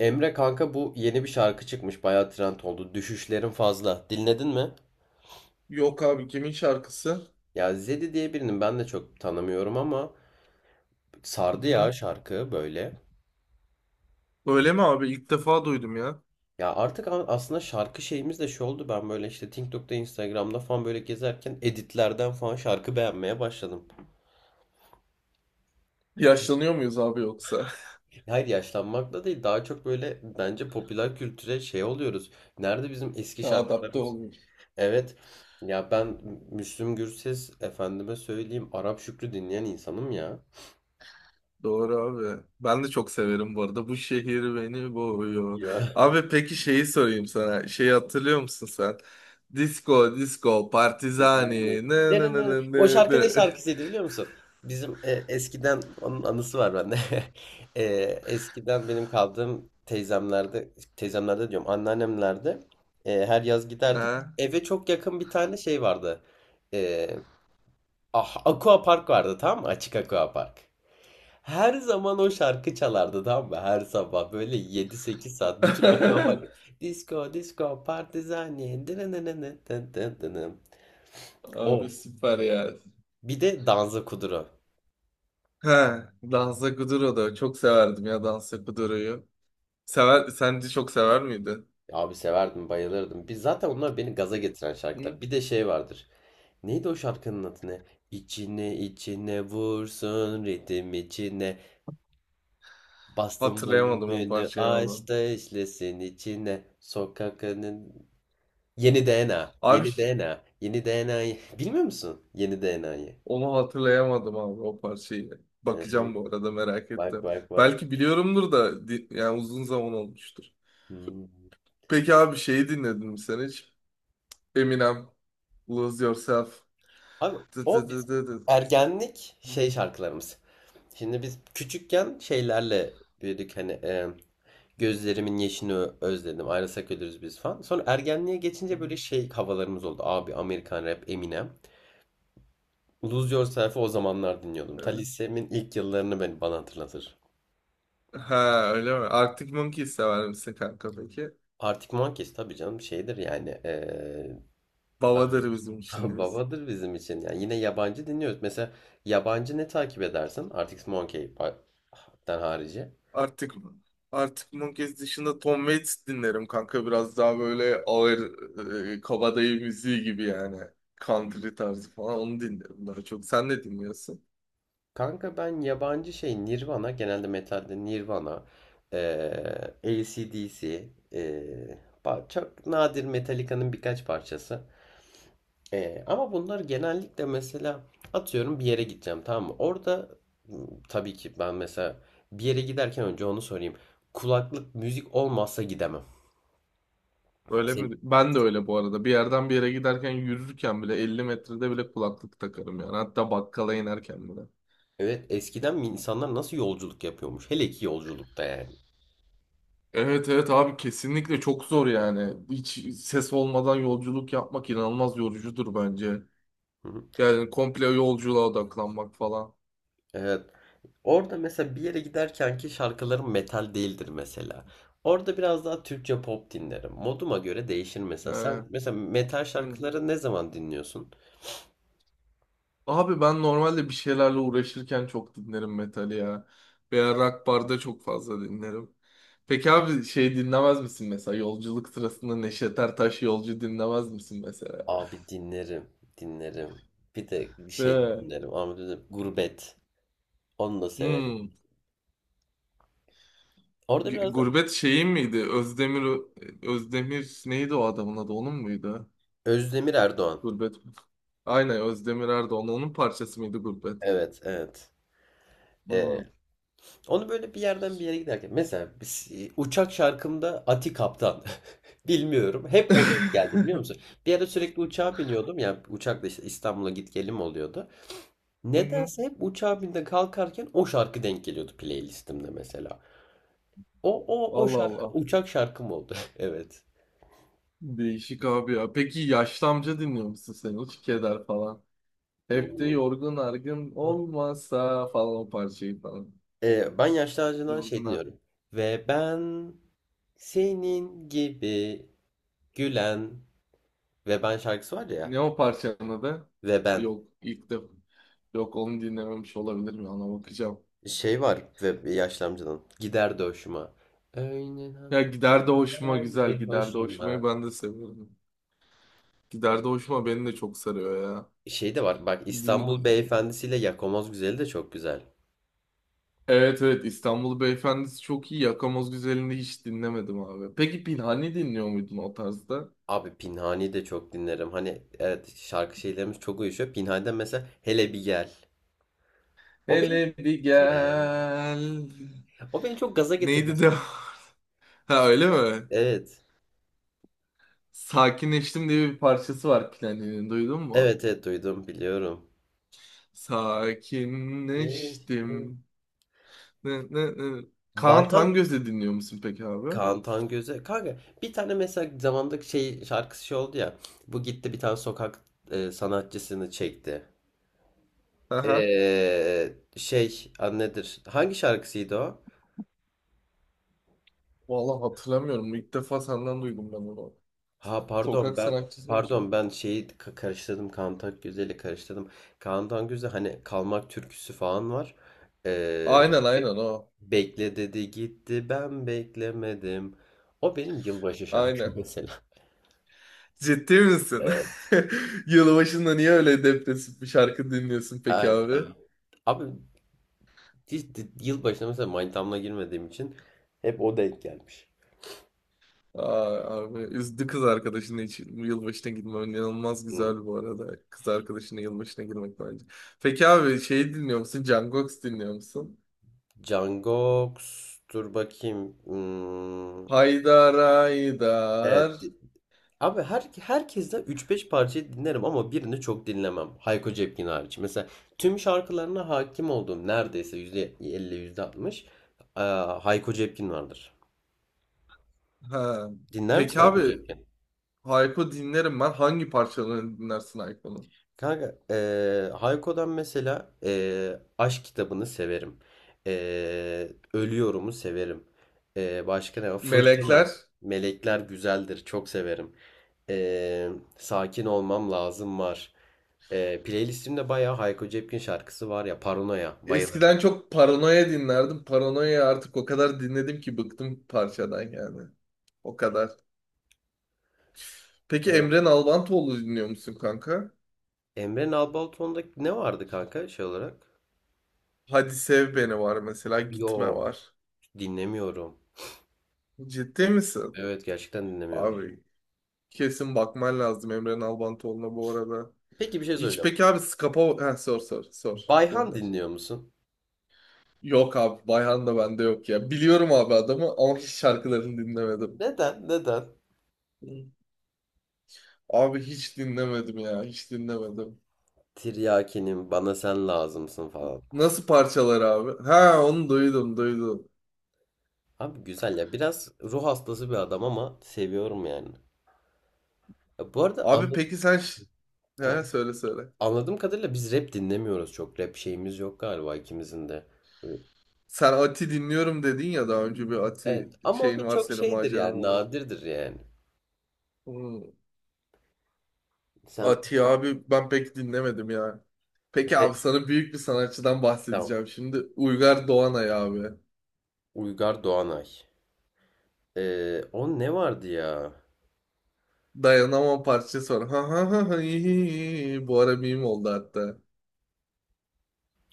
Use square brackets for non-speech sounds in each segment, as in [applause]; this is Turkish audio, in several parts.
Emre kanka bu yeni bir şarkı çıkmış. Bayağı trend oldu. Düşüşlerin fazla. Dinledin mi? Yok abi, kimin şarkısı? Ya Zedi diye birinin ben de çok tanımıyorum ama Hı sardı hı. ya şarkı böyle. Öyle mi abi? İlk defa duydum ya. Ya artık aslında şarkı şeyimiz de şu oldu. Ben böyle işte TikTok'ta, Instagram'da falan böyle gezerken editlerden falan şarkı beğenmeye başladım. Yaşlanıyor muyuz abi yoksa? [laughs] Hayır yaşlanmakla değil. Daha çok böyle bence popüler kültüre şey oluyoruz. Nerede bizim eski Ha, adapte şarkılarımız? olmuş. Evet. Ya ben Müslüm Gürses efendime söyleyeyim Arap Şükrü dinleyen insanım ya. Doğru abi. Ben de çok severim bu arada. Bu şehir beni boğuyor. Yok, Abi peki şeyi sorayım sana. Şeyi hatırlıyor musun sen? Disco, disco, güzel değil. partizani. Ne Ne ne ne ne ne. ne O ne şarkının ne. ne şarkısıydı biliyor musun? Bizim eskiden onun anısı var bende. Eskiden benim kaldığım teyzemlerde, teyzemlerde diyorum, anneannemlerde. Her yaz giderdik. Ha? Eve çok yakın bir tane şey vardı. Ah, aqua park vardı tam, açık aqua park. Her zaman o şarkıcı çalardı tam ve her sabah böyle yedi sekiz saat bütün aqua park. [laughs] Disco disco party zanyen ne ne ne ne ne ne ne ne. O. Abi süper ya. Bir de Danza Kuduro. Ha, Danza Kuduro da çok severdim ya, Danza Kuduro'yu. Sever, sen de çok sever miydin? Abi severdim, bayılırdım. Biz zaten onlar beni gaza getiren şarkılar. Hı? Bir de şey vardır. Neydi o şarkının adı ne? İçine içine vursun ritim içine. Bastım Hatırlayamadım o volümünü parçayı ama. aç da işlesin içine. Sokakının... Yeni DNA. Abi, Yeni DNA. Yeni DNA'yı. [laughs] Bilmiyor musun? Yeni DNA'yı. onu hatırlayamadım o parçayı. Bakacağım, bu arada merak Bak ettim. bak bak. Belki biliyorumdur da yani uzun zaman olmuştur. Hmm. Peki abi şeyi dinledin mi sen hiç? Eminem, Lose Yourself. Abi Tı o tı biz tı tı tı. ergenlik şey şarkılarımız. Şimdi biz küçükken şeylerle büyüdük hani, gözlerimin yeşini özledim ayrılsak ölürüz biz falan. Sonra ergenliğe geçince böyle şey havalarımız oldu. Abi Amerikan rap Eminem. Lose Yourself'ı o zamanlar dinliyordum. Ta lisemin ilk yıllarını beni bana hatırlatır. Ha öyle mi? Arctic Monkeys sever misin kanka peki? Arctic Monkeys tabii canım şeydir yani, Babadır bizim [laughs] için. babadır bizim için. Yani yine yabancı dinliyoruz. Mesela yabancı ne takip edersin? Arctic Monkey'den harici. Artık artık Monkeys dışında Tom Waits dinlerim kanka, biraz daha böyle ağır kabadayı müziği gibi yani, country tarzı falan, onu dinlerim daha çok. Sen ne dinliyorsun? Kanka ben yabancı şey Nirvana, genelde metalde Nirvana, AC/DC, çok nadir Metallica'nın birkaç parçası. Ama bunlar genellikle mesela atıyorum bir yere gideceğim, tamam mı? Orada m, tabii ki ben mesela bir yere giderken önce onu sorayım. Kulaklık müzik olmazsa gidemem. Öyle Senin- mi? Ben de öyle bu arada. Bir yerden bir yere giderken, yürürken bile 50 metrede bile kulaklık takarım yani. Hatta bakkala inerken bile. Evet, eskiden mi insanlar nasıl yolculuk yapıyormuş? Hele ki yolculukta yani. Evet evet abi, kesinlikle çok zor yani. Hiç ses olmadan yolculuk yapmak inanılmaz yorucudur bence. Hı hı. Yani komple yolculuğa odaklanmak falan. Evet. Orada mesela bir yere giderken ki şarkılarım metal değildir mesela. Orada biraz daha Türkçe pop dinlerim. Moduma göre değişir mesela. Ee, Sen mesela metal hı. şarkıları ne zaman dinliyorsun? Abi ben normalde bir şeylerle uğraşırken çok dinlerim metali ya. Veya rock barda çok fazla dinlerim. Peki abi şey dinlemez misin mesela? Yolculuk sırasında Neşet Ertaş yolcu dinlemez misin mesela? Abi dinlerim, dinlerim. Bir de bir şey Değil de mi? dinlerim. Ama bir Gurbet. Onu da severim. Hmm. Orada biraz da Gurbet şeyi miydi? Özdemir, neydi o adamın adı? Onun muydu? Özdemir Erdoğan. Gurbet. Aynen, Özdemir Erdoğan. Onun parçası mıydı Gurbet? Evet, evet. Ee, Hmm. onu böyle bir yerden bir yere giderken. Mesela uçak şarkımda Ati Kaptan. Bilmiyorum. Hep o denk geldi biliyor [laughs] musun? Bir ara sürekli uçağa biniyordum. Yani uçakla işte İstanbul'a git gelim oluyordu. Hı hı. Nedense hep uçağa binde kalkarken o şarkı denk geliyordu playlistimde mesela. O Allah şarkı Allah. uçak şarkım oldu. [laughs] Evet. Değişik abi ya. Peki yaşlı amca dinliyor musun sen? Uç keder falan. Hep de Hmm. yorgun argın olmasa falan o parçayı falan. Ben Yaşlı Ağacı'ndan şey Yorgun argın. dinliyorum. Ve ben senin gibi gülen ve ben şarkısı var Ne ya. o parçanın adı? Ve ben Yok ilk de yok onu dinlememiş olabilirim ya, ona bakacağım. şey var ve yaşlı amcanın gider de hoşuma. Öyle Ya, gider de hoşuma, haberdi güzel, gider de hoşumayı hoşuma. ben de seviyorum. Gider de hoşuma beni de çok sarıyor ya. Şey de var bak, Din... İstanbul e, Beyefendisiyle ile Yakamaz Güzeli de çok güzel. Evet evet, İstanbul Beyefendisi çok iyi. Yakamoz Güzeli'ni hiç dinlemedim abi. Peki Pinhani dinliyor muydun o tarzda? Abi Pinhani de çok dinlerim. Hani evet, şarkı şeylerimiz çok uyuşuyor. Pinhani'den mesela Hele Bir Gel. O beni Hele bir Gel. gel. O beni çok gaza Neydi getirmesi. de? [laughs] Ha öyle mi? Evet. Sakinleştim diye bir parçası var Planin'in, duydun mu? Evet, evet duydum, biliyorum. Mevsim. Sakinleştim. Ne, ne, ne. Kaan Bayhan Tangöz'ü dinliyor musun peki abi? Kaan Tangöze. Kanka bir tane mesela zamanda şey şarkısı şey oldu ya. Bu gitti bir tane sokak, sanatçısını çekti. Aha. Şey adı nedir? Hangi şarkısıydı o? Vallahi hatırlamıyorum. İlk defa senden duydum ben onu. Ha pardon Sokak ben, sanatçısı mı şimdi? Şeyi karıştırdım, Kaan Güzel'i karıştırdım. Kaan Güzel hani Kalmak türküsü falan var. Ee, Aynen be- aynen o. bekle dedi gitti, ben beklemedim. O benim yılbaşı şarkım [laughs] Aynen. mesela. Ciddi misin? Evet, [laughs] Yılbaşında niye öyle depresif bir şarkı dinliyorsun peki evet, abi? evet. Abi hiç yılbaşına mesela manitamla girmediğim için hep o denk gelmiş. Aa, abi üzdü kız arkadaşının, hiç yılbaşına gitmem. İnanılmaz Hmm. güzel bu arada. Kız arkadaşının yılbaşına girmek bence. Peki abi şeyi dinliyor musun? Jungkook dinliyor musun? Cangoks dur bakayım. Hmm, Haydar evet. Haydar. Abi herkesten üç beş parçayı dinlerim ama birini çok dinlemem. Hayko Cepkin hariç. Mesela tüm şarkılarına hakim olduğum neredeyse %50 %60 eee, Hayko Cepkin vardır. Ha. Dinler Peki misin Hayko abi, Cepkin? Hayko dinlerim ben. Hangi parçalarını dinlersin Hayko'nun? Kanka Hayko'dan mesela Aşk kitabını severim. Ölüyorum'u severim. Başka ne var? Fırtına. Melekler. Melekler Güzeldir. Çok severim. Ee, sakin olmam lazım var. Playlistimde bayağı Hayko Cepkin şarkısı var ya, Paranoya. Bayılırım. Eskiden çok Paranoya dinlerdim. Paranoya artık o kadar dinledim ki bıktım parçadan yani. O kadar. Peki Evet. Emre Nalbantoğlu dinliyor musun kanka? Emre Nalbalıton'da ne vardı kanka şey olarak? Hadi Sev Beni var mesela, Gitme Yok, var. dinlemiyorum. Ciddi misin? Evet, gerçekten dinlemiyorum. Abi kesin bakman lazım Emre Nalbantoğlu'na bu arada. Peki bir şey Hiç soracağım. peki abi Skapa... Ha, sor sor sor, Bayhan gönder. dinliyor musun? Yok abi, Bayhan da bende yok ya. Biliyorum abi adamı ama hiç şarkılarını dinlemedim. Neden? Neden? Hı. Abi hiç dinlemedim ya, hiç dinlemedim. Tiryaki'nin bana sen lazımsın falan. Nasıl parçalar abi? Ha, onu duydum duydum. Abi güzel ya. Biraz ruh hastası bir adam ama seviyorum yani. Ya bu arada Abi anlat... peki sen... Ha, Tamam. söyle söyle. Anladığım kadarıyla biz rap dinlemiyoruz çok. Rap şeyimiz yok galiba ikimizin de. Sen Ati dinliyorum dedin ya daha önce, bir Ati Evet. Ama o şeyin da var, çok senin şeydir yani, maceran var. nadirdir yani. Hmm, Sen Atiye abi ben pek dinlemedim ya. Peki rap. abi sana büyük bir sanatçıdan Tamam. bahsedeceğim. Şimdi Uygar Doğanay abi. Uygar Doğanay. O ne vardı ya? Dayanamam parçası var. Ha ha ha ha, hi, hi, hi. Bu ara meme oldu hatta.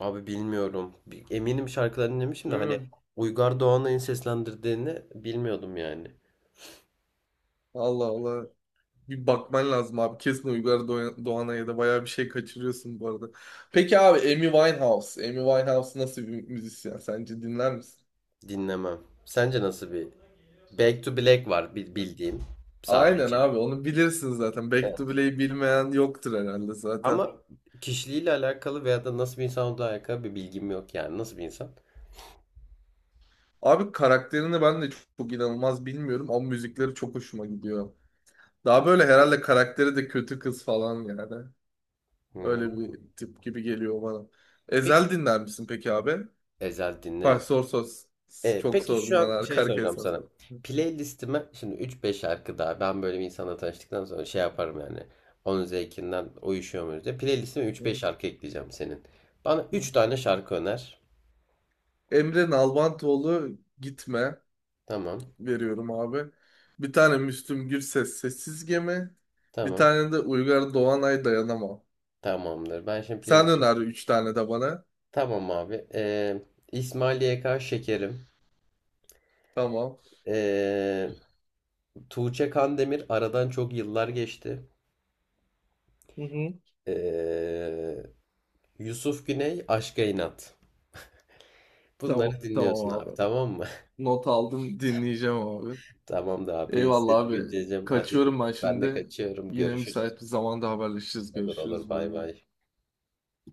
Abi bilmiyorum. Eminim şarkılarını dinlemişim de Hı, hani Uygar Doğanay'ın seslendirdiğini bilmiyordum yani. Allah Allah. Bir bakman lazım abi. Kesin Doğanay'a da bayağı bir şey kaçırıyorsun bu arada. Peki abi Amy Winehouse. Amy Winehouse nasıl bir müzisyen? Sence dinler misin? Dinlemem. Sence nasıl bir? Back to Black var bildiğim Aynen sadece. abi, onu bilirsin zaten. Back to Evet. Blue'yi bilmeyen yoktur herhalde zaten. Ama kişiliğiyle alakalı veya da nasıl bir insan olduğu alakalı bir bilgim yok yani. Nasıl bir insan? Abi karakterini ben de çok, çok inanılmaz bilmiyorum ama müzikleri çok hoşuma gidiyor. Daha böyle herhalde karakteri de kötü kız falan yani. Öyle Hmm. bir tip gibi geliyor bana. Peki Ezel dinler misin peki abi? Ezel Bak, dinlerim. sor sor. Çok Peki şu sordum ben, an şey arka arkaya soracağım sana. sordum. Playlistime şimdi üç beş şarkı daha, ben böyle bir insanla tanıştıktan sonra şey yaparım yani. Onun zevkinden uyuşuyor muyuz diye. Playlistime üç beş şarkı ekleyeceğim senin. Bana üç tane şarkı öner. Emre Nalbantoğlu Gitme Tamam. veriyorum abi. Bir tane Müslüm Gürses Sessiz Gemi. Bir Tamam. tane de Uygar Doğanay Dayanamam. Tamamdır. Ben şimdi Sen playlistim. öner üç tane de bana. Tamam abi. İsmail YK Şekerim. Tamam. E, Tuğçe Kandemir aradan çok yıllar geçti. Hı hı. E, Yusuf Güney Aşka İnat. Tamam, Bunları tamam dinliyorsun abi, abi. tamam mı? Not aldım, dinleyeceğim abi. [laughs] Tamamdır abi. Seni Eyvallah abi. güncelleyeceğim. Hadi Kaçıyorum ben ben de şimdi. kaçıyorum. Yine Görüşürüz. müsait bir zamanda haberleşiriz, Olur olur, görüşürüz. Bay bay bay. bay.